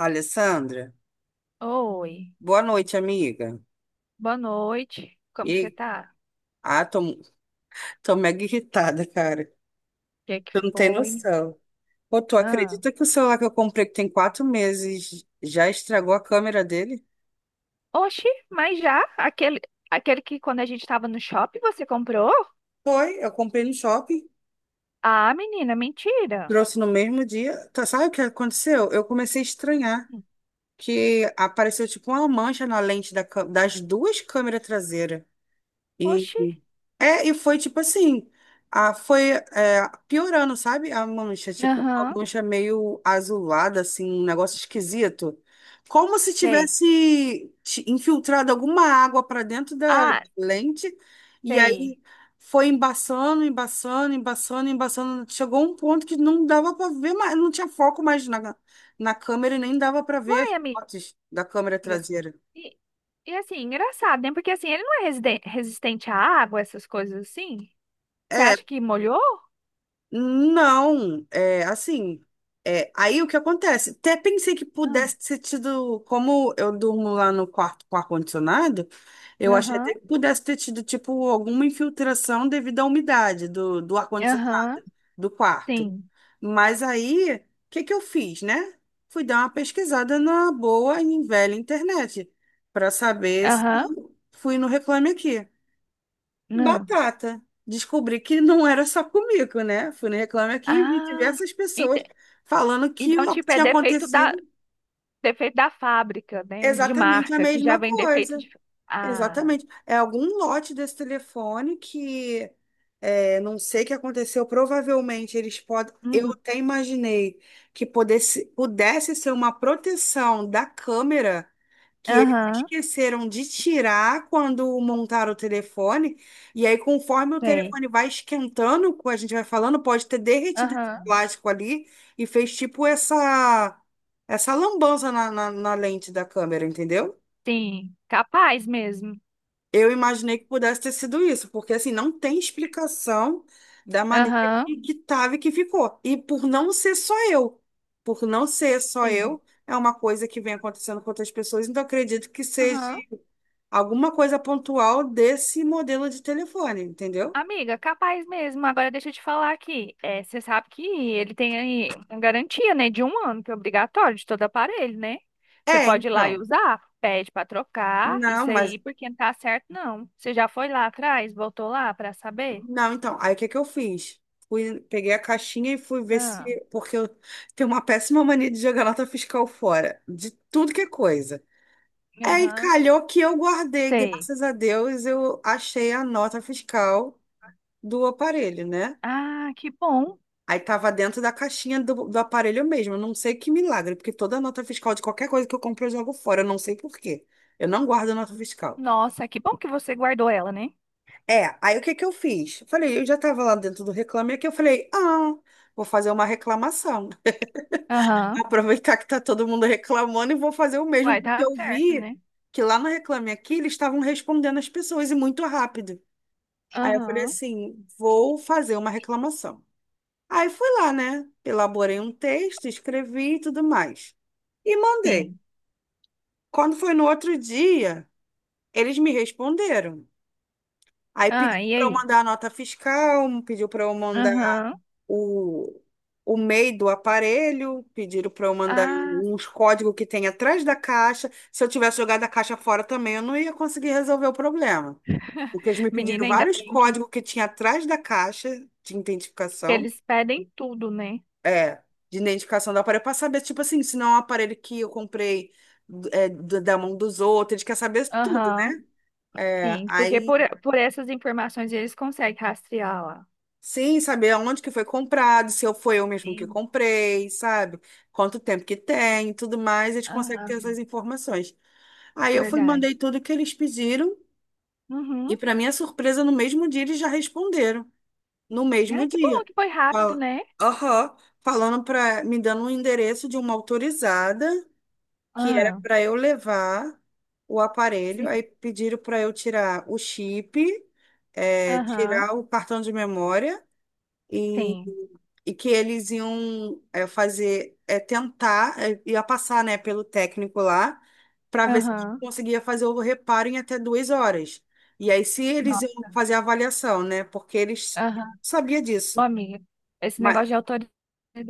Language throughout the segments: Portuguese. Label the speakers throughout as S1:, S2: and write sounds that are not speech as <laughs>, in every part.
S1: Alessandra,
S2: Oi,
S1: boa noite, amiga.
S2: boa noite. Como você
S1: E,
S2: tá?
S1: ah, tô, tô mega irritada, cara.
S2: O que que
S1: Tu não tem
S2: foi?
S1: noção. Pô, tu
S2: Ah.
S1: acredita que o celular que eu comprei, que tem 4 meses, já estragou a câmera dele?
S2: Oxi, mas já? Aquele que quando a gente tava no shopping você comprou?
S1: Foi, eu comprei no shopping,
S2: Ah, menina, mentira.
S1: trouxe no mesmo dia. Tá, sabe o que aconteceu? Eu comecei a estranhar
S2: Hum.
S1: que apareceu tipo uma mancha na lente das duas câmeras traseiras e
S2: Oxi,
S1: E foi tipo assim, foi piorando, sabe? A mancha, tipo, uma
S2: aham,
S1: mancha meio azulada, assim, um negócio esquisito. Como se
S2: sei.
S1: tivesse infiltrado alguma água para dentro da
S2: Ah,
S1: lente, e aí
S2: sei.
S1: foi embaçando. Chegou um ponto que não dava para ver mais, não tinha foco mais na câmera e nem dava para ver
S2: Uai,
S1: as
S2: amiga.
S1: fotos da câmera traseira.
S2: E, e assim, engraçado, né? Porque assim, ele não é resistente à água, essas coisas assim? Você acha
S1: É.
S2: que molhou?
S1: Não, é assim. É, aí o que acontece? Até pensei que
S2: Ah,
S1: pudesse ter tido, como eu durmo lá no quarto com ar-condicionado, eu achei
S2: aham,
S1: até que pudesse ter tido, tipo, alguma infiltração devido à umidade do
S2: aham,
S1: ar-condicionado do quarto.
S2: sim.
S1: Mas aí, o que que eu fiz, né? Fui dar uma pesquisada na boa e velha internet para saber se
S2: Aham,
S1: fui no Reclame Aqui.
S2: hum.
S1: Batata. Descobri que não era só comigo, né? Fui no Reclame Aqui e vi
S2: Ah,
S1: diversas pessoas falando que
S2: então, tipo, é
S1: tinha acontecido
S2: defeito da fábrica, né? De
S1: exatamente a
S2: marca, que já
S1: mesma
S2: vem defeito
S1: coisa.
S2: de. Ah,
S1: Exatamente. É algum lote desse telefone que é, não sei o que aconteceu. Provavelmente eles podem. Eu
S2: uhum.
S1: até imaginei que pudesse ser uma proteção da câmera que eles
S2: Aham,
S1: esqueceram de tirar quando montaram o telefone. E aí, conforme o
S2: sei.
S1: telefone vai esquentando, como a gente vai falando, pode ter derretido esse
S2: Aham,
S1: plástico ali e fez tipo essa lambança na lente da câmera, entendeu?
S2: sim. Capaz mesmo.
S1: Eu imaginei que pudesse ter sido isso, porque assim, não tem explicação da maneira
S2: Aham,
S1: que tava e que ficou. E por não ser só eu, por não ser só
S2: sim.
S1: eu, é uma coisa que vem acontecendo com outras pessoas, então acredito que seja
S2: Aham.
S1: alguma coisa pontual desse modelo de telefone, entendeu?
S2: Amiga, capaz mesmo. Agora deixa eu te falar aqui. É, você sabe que ele tem aí uma garantia, né, de um ano, que é obrigatório de todo aparelho, né? Você
S1: É,
S2: pode ir lá e
S1: então.
S2: usar, pede pra trocar,
S1: Não,
S2: isso
S1: mas
S2: aí, porque não tá certo, não. Você já foi lá atrás, voltou lá pra saber?
S1: não, então. Aí o que é que eu fiz? Fui, peguei a caixinha e fui ver se,
S2: Não.
S1: porque eu tenho uma péssima mania de jogar nota fiscal fora, de tudo que é coisa. Aí
S2: Aham.
S1: calhou que eu guardei,
S2: Sei.
S1: graças a Deus, eu achei a nota fiscal do aparelho, né?
S2: Ah, que bom.
S1: Aí tava dentro da caixinha do aparelho mesmo. Eu não sei que milagre, porque toda nota fiscal de qualquer coisa que eu compro eu jogo fora. Eu não sei por quê. Eu não guardo nota fiscal.
S2: Nossa, que bom que você guardou ela, né?
S1: É, aí o que que eu fiz? Eu falei, eu já tava lá dentro do Reclame Aqui, eu falei, ah, vou fazer uma reclamação.
S2: Aham.
S1: <laughs> Aproveitar que tá todo mundo reclamando e vou fazer o mesmo,
S2: Uai,
S1: porque
S2: tá
S1: eu
S2: certo,
S1: vi
S2: né?
S1: que lá no Reclame Aqui eles estavam respondendo as pessoas e muito rápido. Aí eu falei
S2: Aham.
S1: assim, vou fazer uma reclamação. Aí fui lá, né? Elaborei um texto, escrevi e tudo mais. E mandei.
S2: Sim.
S1: Quando foi no outro dia, eles me responderam. Aí pediu
S2: Ah, e
S1: para eu
S2: aí?
S1: mandar a nota fiscal, pediu para eu mandar
S2: Aham.
S1: o, o MEI do aparelho, pediram para eu mandar
S2: Ah,
S1: uns códigos que tem atrás da caixa. Se eu tivesse jogado a caixa fora também, eu não ia conseguir resolver o problema.
S2: <laughs>
S1: Porque eles me pediram
S2: menina, ainda
S1: vários
S2: bem que
S1: códigos que tinha atrás da caixa de identificação.
S2: eles pedem tudo, né?
S1: É, de identificação do aparelho, para saber, tipo assim, se não é um aparelho que eu comprei é, da mão dos outros, ele quer saber tudo,
S2: Aham.
S1: né? É,
S2: Sim,
S1: aí,
S2: por essas informações eles conseguem rastreá-la.
S1: sim, saber onde que foi comprado, se eu foi eu mesmo que
S2: Sim.
S1: comprei, sabe? Quanto tempo que tem, e tudo mais, eles conseguem ter
S2: Aham,
S1: essas informações. Aí eu fui,
S2: verdade.
S1: mandei tudo que eles pediram, e
S2: Uhum.
S1: para minha surpresa, no mesmo dia eles já responderam, no mesmo
S2: Ai, que bom
S1: dia.
S2: que foi rápido,
S1: Fal-
S2: né?
S1: Aham, falando para, me dando um endereço de uma autorizada que era
S2: Ah,
S1: para eu levar o aparelho,
S2: sim.
S1: aí pediram para eu tirar o chip, é,
S2: Aham,
S1: tirar o cartão de memória e,
S2: sim.
S1: e que eles iam é, fazer, é, tentar, é, ia passar, né, pelo técnico lá para ver se
S2: Aham.
S1: conseguia fazer o reparo em até 2 horas. E aí se eles iam fazer a avaliação, né, porque eles
S2: Não.
S1: sabia
S2: Ô,
S1: disso.
S2: amiga, esse negócio
S1: Mas
S2: de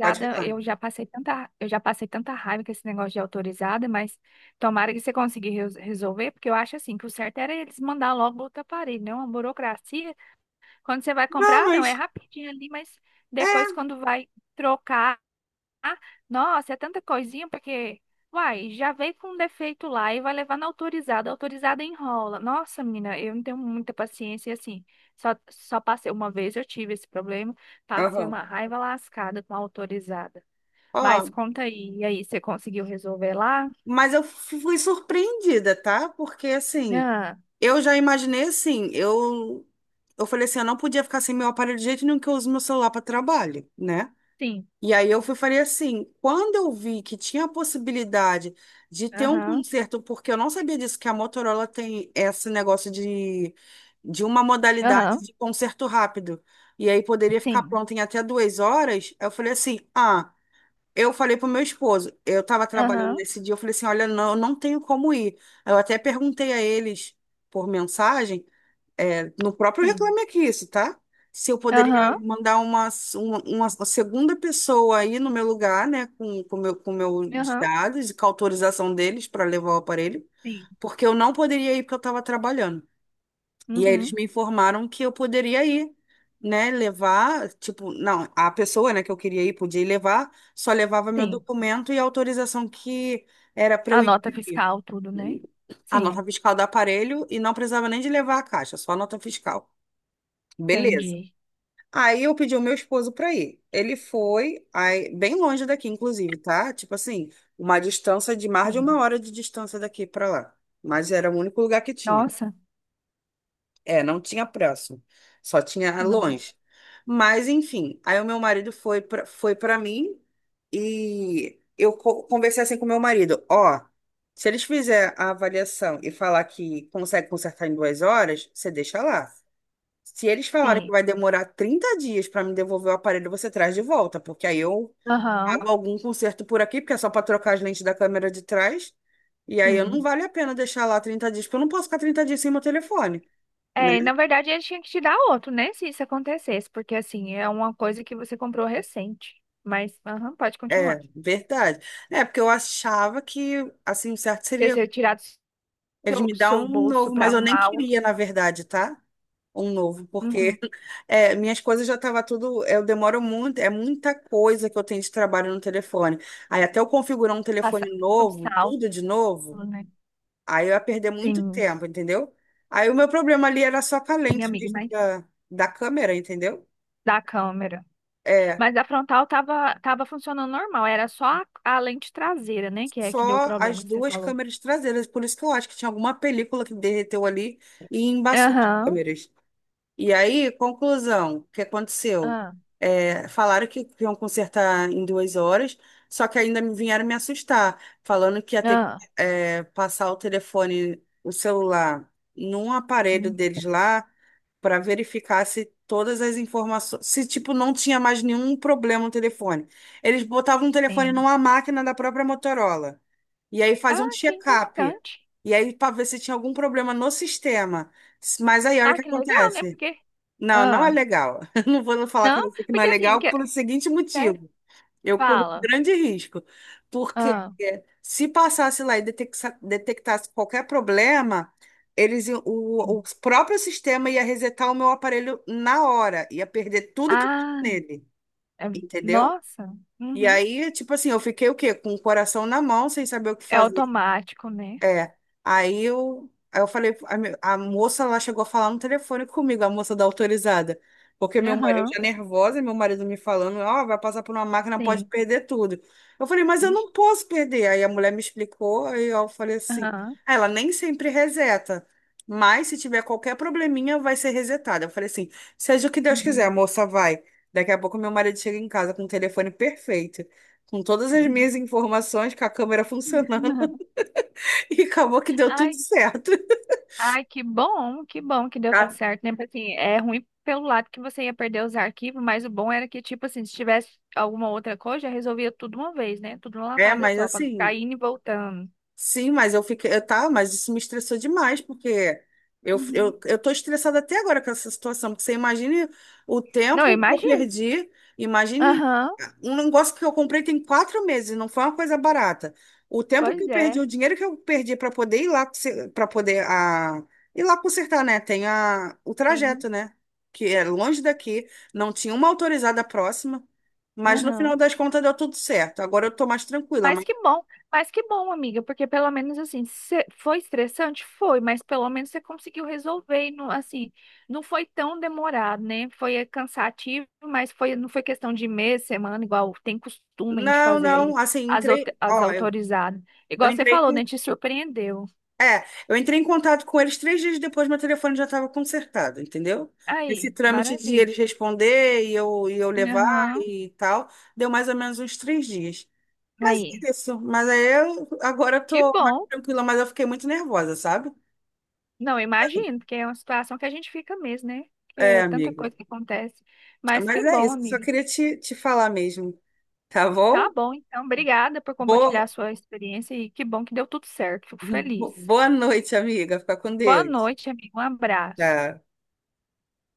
S1: pode falar.
S2: eu já passei tanta raiva com esse negócio de autorizada, mas tomara que você consiga resolver, porque eu acho assim que o certo era eles mandar logo outro aparelho, não uma burocracia. Quando você vai
S1: Não,
S2: comprar, não, é
S1: mas
S2: rapidinho ali, mas depois quando vai trocar ah, nossa, é tanta coisinha, porque, uai, já veio com um defeito lá e vai levar na autorizada. A autorizada enrola. Nossa, menina, eu não tenho muita paciência e assim. Só passei uma vez, eu tive esse problema. Passei
S1: aham.
S2: uma raiva lascada com a autorizada. Mas
S1: Ó,
S2: conta aí, e aí, você conseguiu resolver lá?
S1: mas eu fui surpreendida, tá? Porque assim,
S2: Ah,
S1: eu já imaginei assim, eu falei assim, eu não podia ficar sem meu aparelho de jeito nenhum que eu uso meu celular para trabalho, né?
S2: sim.
S1: E aí eu fui falei assim, quando eu vi que tinha a possibilidade de ter um
S2: Aham.
S1: conserto, porque eu não sabia disso, que a Motorola tem esse negócio de uma modalidade
S2: Aham.
S1: de conserto rápido. E aí poderia ficar
S2: Sim.
S1: pronto em até 2 horas. Eu falei assim, ah, eu falei pro meu esposo, eu estava trabalhando
S2: Aham.
S1: nesse dia, eu falei assim, olha, não, eu não tenho como ir. Eu até perguntei a eles por mensagem, é, no próprio
S2: Sim.
S1: Reclame Aqui isso, tá? Se eu poderia
S2: Aham.
S1: mandar uma segunda pessoa aí no meu lugar, né, com meu, com meus
S2: Aham.
S1: dados e com a autorização deles para levar o aparelho,
S2: Sim.
S1: porque eu não poderia ir porque eu estava trabalhando. E aí eles
S2: Uhum.
S1: me informaram que eu poderia ir, né? Levar, tipo, não, a pessoa, né, que eu queria ir podia ir levar, só levava meu
S2: Sim.
S1: documento e a autorização que era para
S2: A
S1: eu
S2: nota
S1: imprimir.
S2: fiscal, tudo, né?
S1: A nota
S2: Sim.
S1: fiscal do aparelho e não precisava nem de levar a caixa, só a nota fiscal. Beleza.
S2: Entendi.
S1: Aí eu pedi o meu esposo para ir. Ele foi, aí, bem longe daqui, inclusive, tá? Tipo assim, uma distância de mais de uma
S2: Sim.
S1: hora de distância daqui para lá. Mas era o único lugar que tinha.
S2: Nossa,
S1: É, não tinha próximo, só tinha
S2: nossa,
S1: longe. Mas enfim, aí o meu marido foi para mim e eu conversei assim com o meu marido, ó, se eles fizerem a avaliação e falar que consegue consertar em 2 horas, você deixa lá. Se eles falarem que
S2: sim.
S1: vai demorar 30 dias para me devolver o aparelho, você traz de volta, porque aí eu
S2: Aham,
S1: pago algum conserto por aqui, porque é só para trocar as lentes da câmera de trás, e aí eu não
S2: sim.
S1: vale a pena deixar lá 30 dias, porque eu não posso ficar 30 dias sem meu telefone né?
S2: É, na verdade, ele tinha que te dar outro, né? Se isso acontecesse, porque assim, é uma coisa que você comprou recente. Mas, aham, pode continuar.
S1: É, verdade. É, porque eu achava que, assim, o certo
S2: Porque
S1: seria
S2: você tirar do
S1: eles
S2: seu,
S1: me dar
S2: seu
S1: um
S2: bolso
S1: novo,
S2: pra
S1: mas eu nem
S2: arrumar algo
S1: queria,
S2: que
S1: na verdade, tá? Um novo,
S2: uhum,
S1: porque <laughs> é, minhas coisas já tava tudo. Eu demoro muito, é muita coisa que eu tenho de trabalho no telefone. Aí até eu configurar um
S2: passa
S1: telefone
S2: tudo
S1: novo,
S2: salvo,
S1: tudo de novo,
S2: né?
S1: aí eu ia perder muito
S2: Sim,
S1: tempo, entendeu? Aí o meu problema ali era só com a
S2: sim,
S1: lente
S2: amiga,
S1: mesmo
S2: mas
S1: da câmera, entendeu?
S2: da câmera.
S1: É
S2: Mas a frontal tava, tava funcionando normal, era só a lente traseira, né? Que é que deu o
S1: só
S2: problema
S1: as
S2: que você
S1: duas
S2: falou.
S1: câmeras traseiras. Por isso que eu acho que tinha alguma película que derreteu ali e embaçou as
S2: Aham,
S1: câmeras. E aí, conclusão, o que aconteceu?
S2: ah,
S1: É, falaram que iam consertar em duas horas, só que ainda me vieram me assustar, falando que ia ter que
S2: ah,
S1: é, passar o telefone, o celular, num aparelho
S2: hum,
S1: deles lá, para verificar se todas as informações, se tipo não tinha mais nenhum problema no telefone. Eles botavam o telefone
S2: sim.
S1: numa máquina da própria Motorola. E aí faziam um
S2: Ah, que
S1: check-up.
S2: interessante.
S1: E aí para ver se tinha algum problema no sistema. Mas aí olha o
S2: Ah,
S1: que
S2: que legal, né?
S1: acontece.
S2: Porque.
S1: Não, não é
S2: Ah,
S1: legal. <laughs> Eu não vou falar
S2: não?
S1: com você que não é
S2: Porque assim,
S1: legal
S2: que...
S1: por o seguinte
S2: sério,
S1: motivo. Eu corro um
S2: fala.
S1: grande risco, porque
S2: Ah,
S1: é, se passasse lá e detectasse, detectasse qualquer problema, o
S2: sim.
S1: próprio sistema ia resetar o meu aparelho na hora, ia perder tudo que tinha
S2: Ah,
S1: nele,
S2: é-
S1: entendeu?
S2: nossa.
S1: E
S2: Uhum.
S1: aí, tipo assim, eu fiquei o quê? Com o coração na mão, sem saber o que
S2: É
S1: fazer.
S2: automático, né?
S1: É, aí eu falei, a moça lá chegou a falar no telefone comigo, a moça da autorizada, porque meu marido,
S2: Aham,
S1: eu já nervosa, meu marido me falando, ó, vai passar por uma máquina, pode
S2: sim.
S1: perder tudo. Eu falei, mas eu não
S2: Ixi,
S1: posso perder. Aí a mulher me explicou, aí eu falei assim,
S2: aham.
S1: "Ah, ela nem sempre reseta, mas se tiver qualquer probleminha, vai ser resetada. Eu falei assim, seja o que Deus quiser, a
S2: Uhum.
S1: moça vai. Daqui a pouco meu marido chega em casa com o telefone perfeito, com todas as
S2: Uhum.
S1: minhas informações, com a câmera <laughs> funcionando.
S2: <laughs>
S1: E acabou que deu tudo
S2: Ai,
S1: certo.
S2: ai, que bom, que bom que deu tudo
S1: Tá?
S2: certo, né? Porque, assim, é ruim pelo lado que você ia perder os arquivos, mas o bom era que, tipo assim, se tivesse alguma outra coisa, já resolvia tudo uma vez, né? Tudo numa
S1: É,
S2: lapada
S1: mas
S2: só, pra não ficar
S1: assim,
S2: indo e voltando.
S1: sim, mas eu fiquei, eu, tá, mas isso me estressou demais, porque
S2: Uhum.
S1: eu tô estressada até agora com essa situação, porque você imagine o
S2: Não, eu
S1: tempo que eu
S2: imagino.
S1: perdi, imagine
S2: Aham,
S1: um negócio que eu comprei tem 4 meses, não foi uma coisa barata. O tempo que
S2: pois
S1: eu perdi, o
S2: é.
S1: dinheiro que eu perdi para poder ir lá, para poder a, ir lá consertar, né? Tem o
S2: Sim.
S1: trajeto, né? Que é longe daqui, não tinha uma autorizada próxima, mas no final
S2: Aham.
S1: das contas deu tudo certo. Agora eu tô mais tranquila.
S2: Mas que bom, mas que bom, amiga, porque pelo menos assim, cê- foi estressante? Foi, mas pelo menos você conseguiu resolver e não, assim, não foi tão demorado, né? Foi cansativo, mas foi, não foi questão de mês, semana, igual tem costume de
S1: Não,
S2: fazer
S1: não,
S2: aí
S1: assim, entrei,
S2: as
S1: ó,
S2: autorizadas.
S1: eu
S2: Igual você
S1: entrei
S2: falou,
S1: com,
S2: né? Te surpreendeu.
S1: é, eu entrei em contato com eles 3 dias depois, meu telefone já estava consertado, entendeu? Esse
S2: Aí,
S1: trâmite de
S2: maravilha.
S1: eles responder e eu levar
S2: Aham.
S1: e tal, deu mais ou menos uns 3 dias. Mas
S2: Aí,
S1: é isso, mas aí eu agora eu
S2: que
S1: tô mais
S2: bom.
S1: tranquila, mas eu fiquei muito nervosa, sabe?
S2: Não, eu imagino, porque é uma situação que a gente fica mesmo, né? Que
S1: É,
S2: é tanta
S1: amigo.
S2: coisa que acontece. Mas
S1: Mas
S2: que
S1: é
S2: bom,
S1: isso, só
S2: amiga.
S1: queria te falar mesmo, tá
S2: Tá
S1: bom?
S2: bom, então. Obrigada por compartilhar a
S1: Boa,
S2: sua experiência e que bom que deu tudo certo. Fico
S1: <laughs>
S2: feliz.
S1: boa noite, amiga, fica com
S2: Boa
S1: Deus.
S2: noite, amigo. Um abraço.
S1: Tchau.